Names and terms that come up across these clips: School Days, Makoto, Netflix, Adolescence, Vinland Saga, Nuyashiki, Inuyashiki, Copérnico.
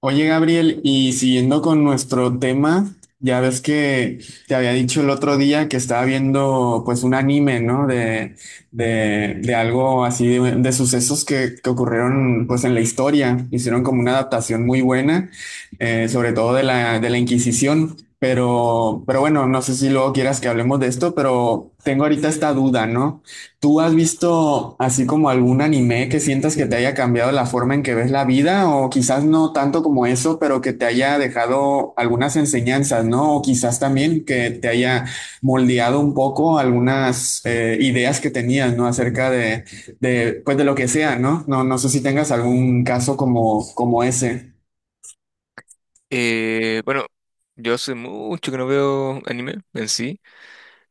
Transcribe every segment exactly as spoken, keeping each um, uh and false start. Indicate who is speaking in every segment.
Speaker 1: Oye, Gabriel, y siguiendo con nuestro tema, ya ves que te había dicho el otro día que estaba viendo pues un anime, ¿no? De, de, de algo así, de, de sucesos que, que ocurrieron pues en la historia. Hicieron como una adaptación muy buena, eh, sobre todo de la, de la Inquisición. Pero, pero bueno, no sé si luego quieras que hablemos de esto, pero tengo ahorita esta duda, ¿no? ¿Tú has visto así como algún anime que sientas que te haya cambiado la forma en que ves la vida? O quizás no tanto como eso, pero que te haya dejado algunas enseñanzas, ¿no? O quizás también que te haya moldeado un poco algunas eh, ideas que tenías, ¿no? Acerca de, de, pues de lo que sea, ¿no? No, no sé si tengas algún caso como, como ese.
Speaker 2: Eh, bueno, yo hace mucho que no veo anime en sí.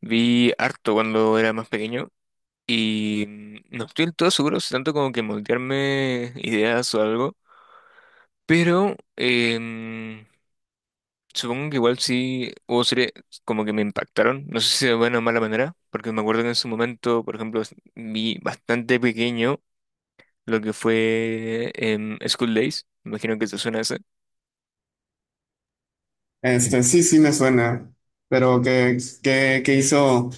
Speaker 2: Vi harto cuando era más pequeño y mm, no estoy del todo seguro, si tanto como que moldearme ideas o algo, pero em, supongo que igual sí hubo series como que me impactaron, no sé si de buena o mala manera, porque me acuerdo que en su momento, por ejemplo, s- vi bastante pequeño lo que fue em, School Days, me imagino que te suena ese.
Speaker 1: Este, sí, sí me suena, pero ¿qué, qué, qué hizo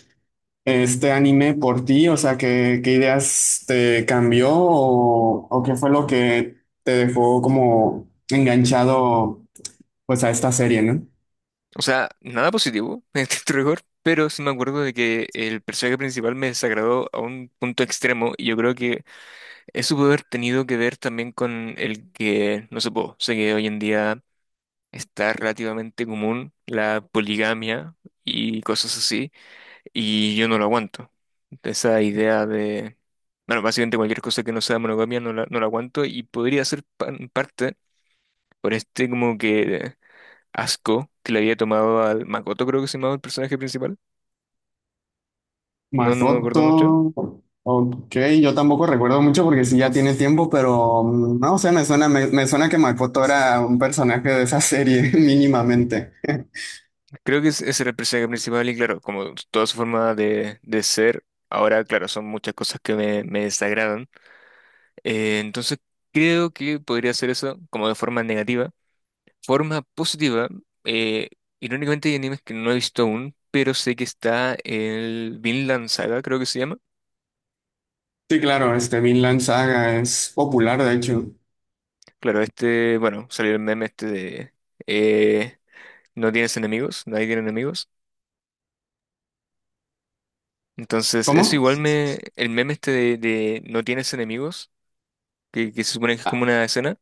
Speaker 1: este anime por ti? O sea, ¿qué, qué ideas te cambió o, o qué fue lo que te dejó como enganchado pues a esta serie, ¿no?
Speaker 2: O sea, nada positivo en este rigor, pero sí me acuerdo de que el personaje principal me desagradó a un punto extremo y yo creo que eso puede haber tenido que ver también con el que, no sé, po, sé que hoy en día está relativamente común la poligamia y cosas así, y yo no lo aguanto. Esa idea de, bueno, básicamente cualquier cosa que no sea monogamia no la, no la aguanto y podría ser pa- en parte por este como que asco que le había tomado al Makoto, creo que se llamaba el personaje principal. No, no me acuerdo mucho.
Speaker 1: Makoto, ok, yo tampoco recuerdo mucho porque sí ya tiene tiempo, pero mm, no, o sea, me suena, me, me suena que Makoto era un personaje de esa serie mínimamente.
Speaker 2: Creo que es- ese era el personaje principal y claro, como toda su forma de, de ser, ahora, claro, son muchas cosas que me, me desagradan. Eh, entonces, creo que podría ser eso como de forma negativa. Forma positiva, eh, irónicamente hay animes que no he visto aún, pero sé que está el Vinland Saga, creo que se llama.
Speaker 1: Sí, claro, este Vinland Saga es popular, de hecho.
Speaker 2: Claro, este, bueno, salió el meme este de... eh, no tienes enemigos, nadie tiene enemigos. Entonces, eso
Speaker 1: ¿Cómo?
Speaker 2: igual me. El meme este de, de no tienes enemigos, que, que se supone que es como una escena.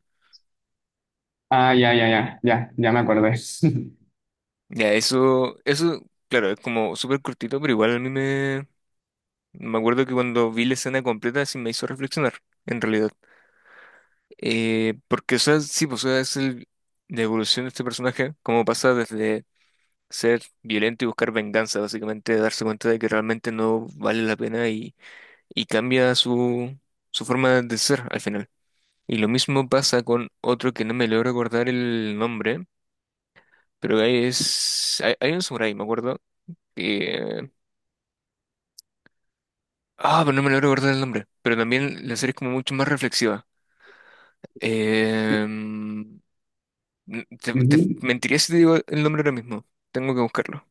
Speaker 1: Ah, ya, ya, ya, ya, ya me acordé.
Speaker 2: Ya, eso, eso, claro, es como súper cortito, pero igual a mí me. Me acuerdo que cuando vi la escena completa sí me hizo reflexionar, en realidad. Eh, porque, o sea, sí, pues, o sea, es el, la evolución de este personaje, cómo pasa desde ser violento y buscar venganza, básicamente, darse cuenta de que realmente no vale la pena y, y cambia su, su forma de ser al final. Y lo mismo pasa con otro que no me logro acordar el nombre, pero ahí es... Hay, hay un samurái, me acuerdo, que... Ah, pero no me logro acordar el nombre. Pero también la serie es como mucho más reflexiva. Em, te, te
Speaker 1: Ujú.
Speaker 2: mentiría si te digo el nombre ahora mismo. Tengo que buscarlo.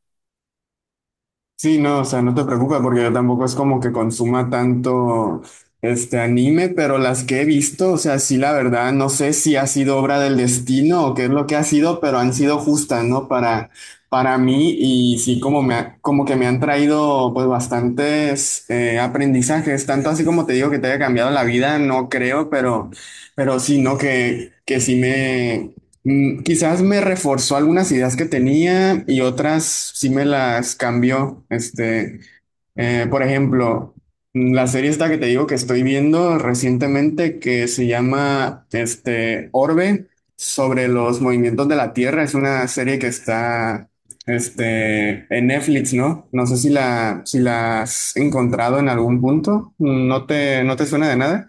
Speaker 1: Sí, no, o sea, no te preocupes porque yo tampoco es como que consuma tanto este anime, pero las que he visto, o sea, sí, la verdad, no sé si ha sido obra del destino o qué es lo que ha sido, pero han sido justas, ¿no? Para, para mí y sí, como me ha- como que me han traído pues bastantes eh, aprendizajes, tanto así como te digo que te haya cambiado la vida, no creo, pero, pero sí, ¿no? Que, que sí. Mm, quizás me reforzó algunas ideas que tenía y otras sí me las cambió. Este, eh, por ejemplo, mm, la serie esta que te digo que estoy viendo recientemente que se llama este, Orbe sobre los movimientos de la Tierra. Es una serie que está este, en Netflix, ¿no? No sé si la, si la has encontrado en algún punto. ¿No te, no te suena de nada?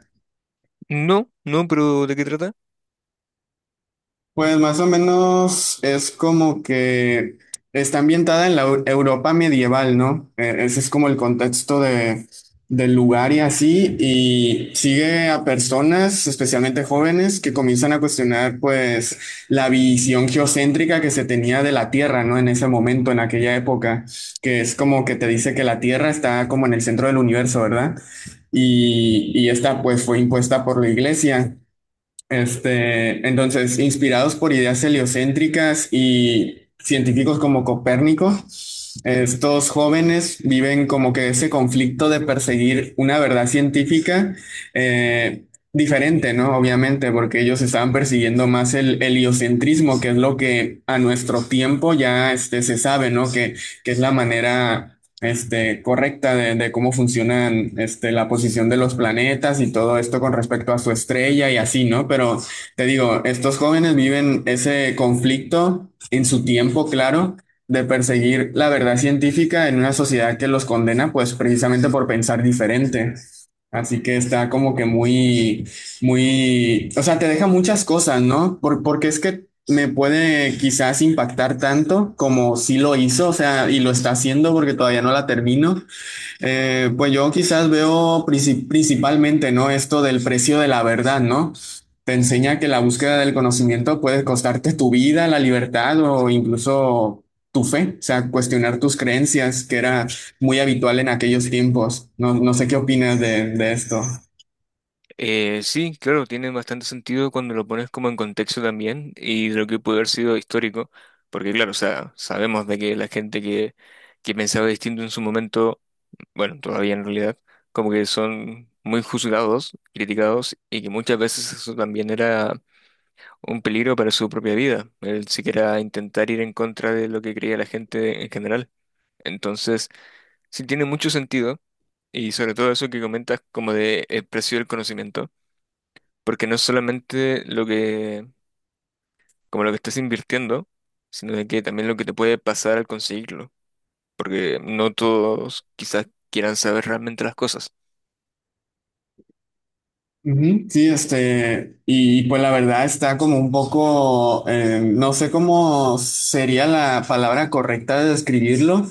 Speaker 2: No, no, pero ¿de qué trata?
Speaker 1: Pues más o menos es como que está ambientada en la Eu- Europa medieval, ¿no? Eh, Ese es como el contexto de, del lugar y así, y sigue a personas, especialmente jóvenes, que comienzan a cuestionar pues la visión geocéntrica que se tenía de la Tierra, ¿no? En ese momento, en aquella época, que es como que te dice que la Tierra está como en el centro del universo, ¿verdad? Y, y esta pues fue impuesta por la iglesia. Este, entonces, inspirados por ideas heliocéntricas y científicos como Copérnico, estos jóvenes viven como que ese conflicto de perseguir una verdad científica eh, diferente, ¿no? Obviamente, porque ellos estaban persiguiendo más el heliocentrismo, que es lo que a nuestro tiempo ya este, se sabe, ¿no? Que, que es la manera este, correcta de, de cómo funcionan este, la posición de los planetas y todo esto con respecto a su estrella y así, ¿no? Pero te digo, estos jóvenes viven ese conflicto en su tiempo, claro, de perseguir la verdad científica en una sociedad que los condena, pues precisamente por pensar diferente. Así que está como que muy, muy, o sea, te deja muchas cosas, ¿no? Por- porque es que me puede quizás impactar tanto como si lo hizo, o sea, y lo está haciendo porque todavía no la termino. Eh, pues yo quizás veo princip- principalmente, ¿no? Esto del precio de la verdad, ¿no? Te enseña que la búsqueda del conocimiento puede costarte tu vida, la libertad o incluso tu fe, o sea, cuestionar tus creencias, que era muy habitual en aquellos tiempos. No, no sé qué opinas de, de esto.
Speaker 2: Eh, sí, claro, tiene bastante sentido cuando lo pones como en contexto también y de lo que puede haber sido histórico, porque claro, o sea, sabemos de que la gente que, que pensaba distinto en su momento bueno, todavía en realidad, como que son muy juzgados, criticados y que muchas veces eso también era un peligro para su propia vida, el siquiera intentar ir en contra de lo que creía la gente en general. Entonces, sí tiene mucho sentido y sobre todo eso que comentas como de el precio del conocimiento, porque no es solamente lo que, como lo que estás invirtiendo, sino de que también lo que te puede pasar al conseguirlo, porque no todos quizás quieran saber realmente las cosas.
Speaker 1: Ujú, sí, este, y pues la verdad está como un poco, eh, no sé cómo sería la palabra correcta de describirlo.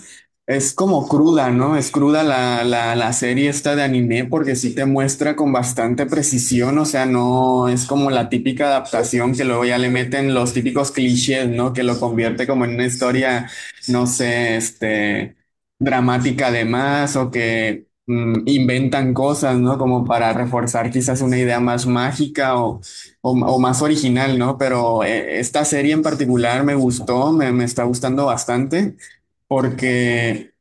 Speaker 1: Es como cruda, ¿no? Es cruda la, la, la serie esta de anime porque sí te muestra con bastante precisión, o sea, no es como la típica adaptación que luego ya le meten los típicos clichés, ¿no? Que lo convierte como en una historia, no sé, este dramática además o que mm, inventan cosas, ¿no? Como para reforzar quizás una idea más mágica o, o- o más original, ¿no? Pero eh, esta serie en particular me gustó, me, me está gustando bastante porque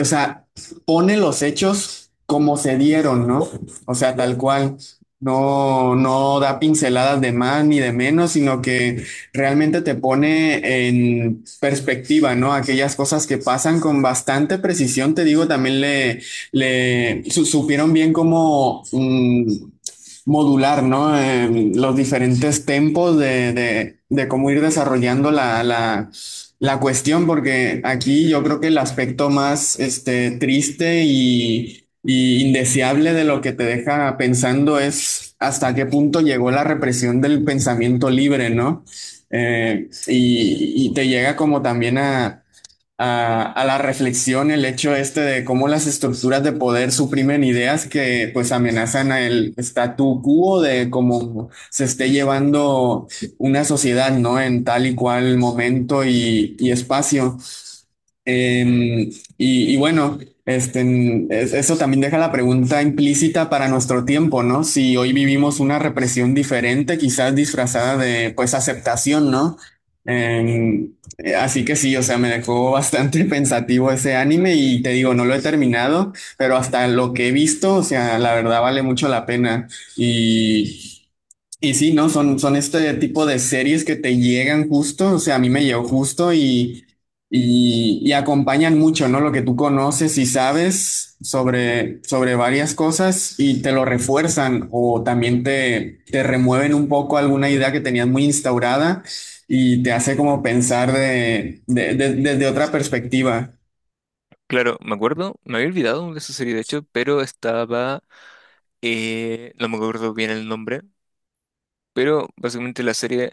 Speaker 1: o sea, pone los hechos como se dieron, ¿no? O sea, tal cual. No, no da pinceladas de más ni de menos, sino que realmente te pone en perspectiva, ¿no? Aquellas cosas que pasan con bastante precisión, te digo, también le, le su- supieron bien cómo mm, modular, ¿no? Eh, los diferentes tempos de, de- de cómo ir desarrollando la, la la cuestión, porque aquí yo creo que el aspecto más este, triste y, y indeseable de lo que te deja pensando es hasta qué punto llegó la represión del pensamiento libre, ¿no? Eh, y, y te llega como también a a, a la reflexión el hecho este de cómo las estructuras de poder suprimen ideas que pues amenazan el statu quo de cómo se esté llevando una sociedad, ¿no? En tal y cual momento y, y espacio. Em, y, y bueno, este, en- es- eso también deja la pregunta implícita para nuestro tiempo, ¿no? Si hoy vivimos una represión diferente, quizás disfrazada de, pues, aceptación, ¿no? Em, eh, así que sí, o sea, me dejó bastante pensativo ese anime y te digo, no lo he terminado, pero hasta lo que he visto, o sea, la verdad vale mucho la pena. Y y sí, ¿no? Son, son este tipo de series que te llegan justo, o sea, a mí me llegó justo y, y, y acompañan mucho, ¿no? Lo que tú conoces y sabes sobre, sobre varias cosas y te lo refuerzan o también te, te remueven un poco alguna idea que tenías muy instaurada y te hace como pensar de, de- de- desde otra perspectiva.
Speaker 2: Claro, me acuerdo, me había olvidado de esa serie de hecho, pero estaba, eh, no me acuerdo bien el nombre, pero básicamente la serie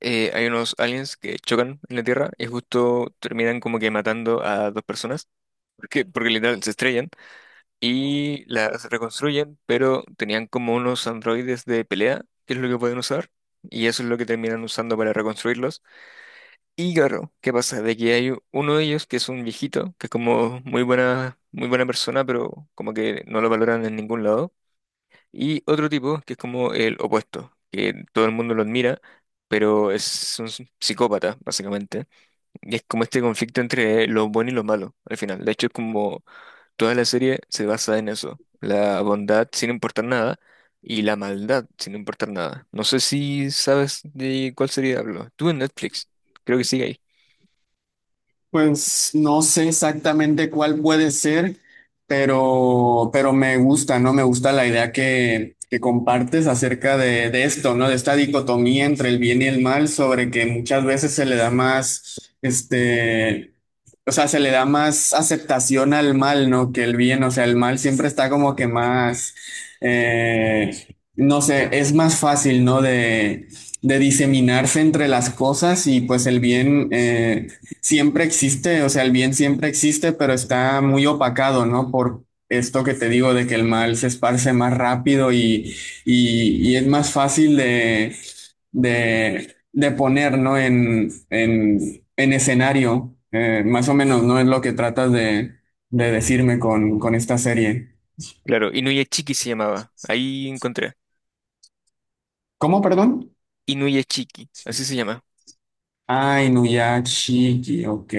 Speaker 2: eh, hay unos aliens que chocan en la Tierra y justo terminan como que matando a dos personas, porque, porque literal se estrellan y las reconstruyen, pero tenían como unos androides de pelea, que es lo que pueden usar, y eso es lo que terminan usando para reconstruirlos. Y claro, ¿qué pasa? De que hay uno de ellos que es un viejito, que es como muy buena, muy buena persona, pero como que no lo valoran en ningún lado. Y otro tipo que es como el opuesto, que todo el mundo lo admira, pero es un s- psicópata, básicamente. Y es como este conflicto entre lo bueno y lo malo, al final. De hecho, es como toda la serie se basa en eso. La bondad sin importar nada y la maldad sin importar nada. No sé si sabes de cuál serie hablo. Tú en Netflix, creo que sigue ahí.
Speaker 1: Pues no sé exactamente cuál puede ser, pero, pero me gusta, ¿no? Me gusta la idea que, que compartes acerca de, de esto, ¿no? De esta dicotomía entre el bien y el mal, sobre que muchas veces se le da más, este, o sea, se le da más aceptación al mal, ¿no? Que el bien, o sea, el mal siempre está como que más, eh, no sé, es más fácil, ¿no? De, de diseminarse entre las cosas y pues el bien, eh, siempre existe, o sea, el bien siempre existe, pero está muy opacado, ¿no? Por esto que te digo de que el mal se esparce más rápido y, y, y es más fácil de, de, de poner, ¿no? En, en, en escenario. Eh, más o menos, ¿no? Es lo que tratas de, de decirme con, con esta serie.
Speaker 2: Claro, Inuyachiki se llamaba. Ahí encontré.
Speaker 1: ¿Cómo, perdón?
Speaker 2: Inuyachiki, así se llama.
Speaker 1: Ay, Nuyashiki, ok.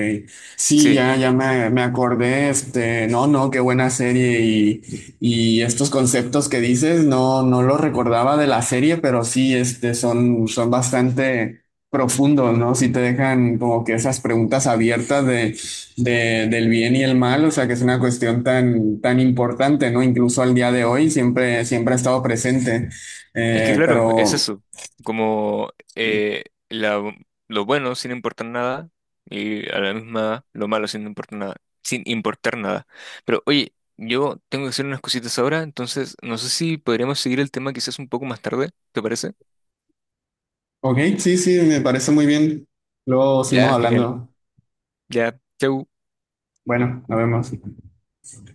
Speaker 1: Sí,
Speaker 2: Sí,
Speaker 1: ya, ya me, me acordé, este, no, no, qué buena serie y, y estos conceptos que dices, no, no los recordaba de la serie, pero sí, este, son, son bastante profundos, ¿no? Sí te dejan como que esas preguntas abiertas de, de, del bien y el mal, o sea, que es una cuestión tan, tan importante, ¿no? Incluso al día de hoy siempre, siempre ha estado presente.
Speaker 2: es que
Speaker 1: Eh,
Speaker 2: claro, es
Speaker 1: pero...
Speaker 2: eso. Como eh, la- lo bueno sin importar nada y a la misma lo malo sin importar nada. Sin importar nada. Pero oye, yo tengo que hacer unas cositas ahora, entonces no sé si podríamos seguir el tema quizás un poco más tarde, ¿te parece?
Speaker 1: Ok, sí, sí, me parece muy bien. Luego seguimos
Speaker 2: Ya, genial.
Speaker 1: hablando.
Speaker 2: Ya, chau.
Speaker 1: Bueno, nos vemos.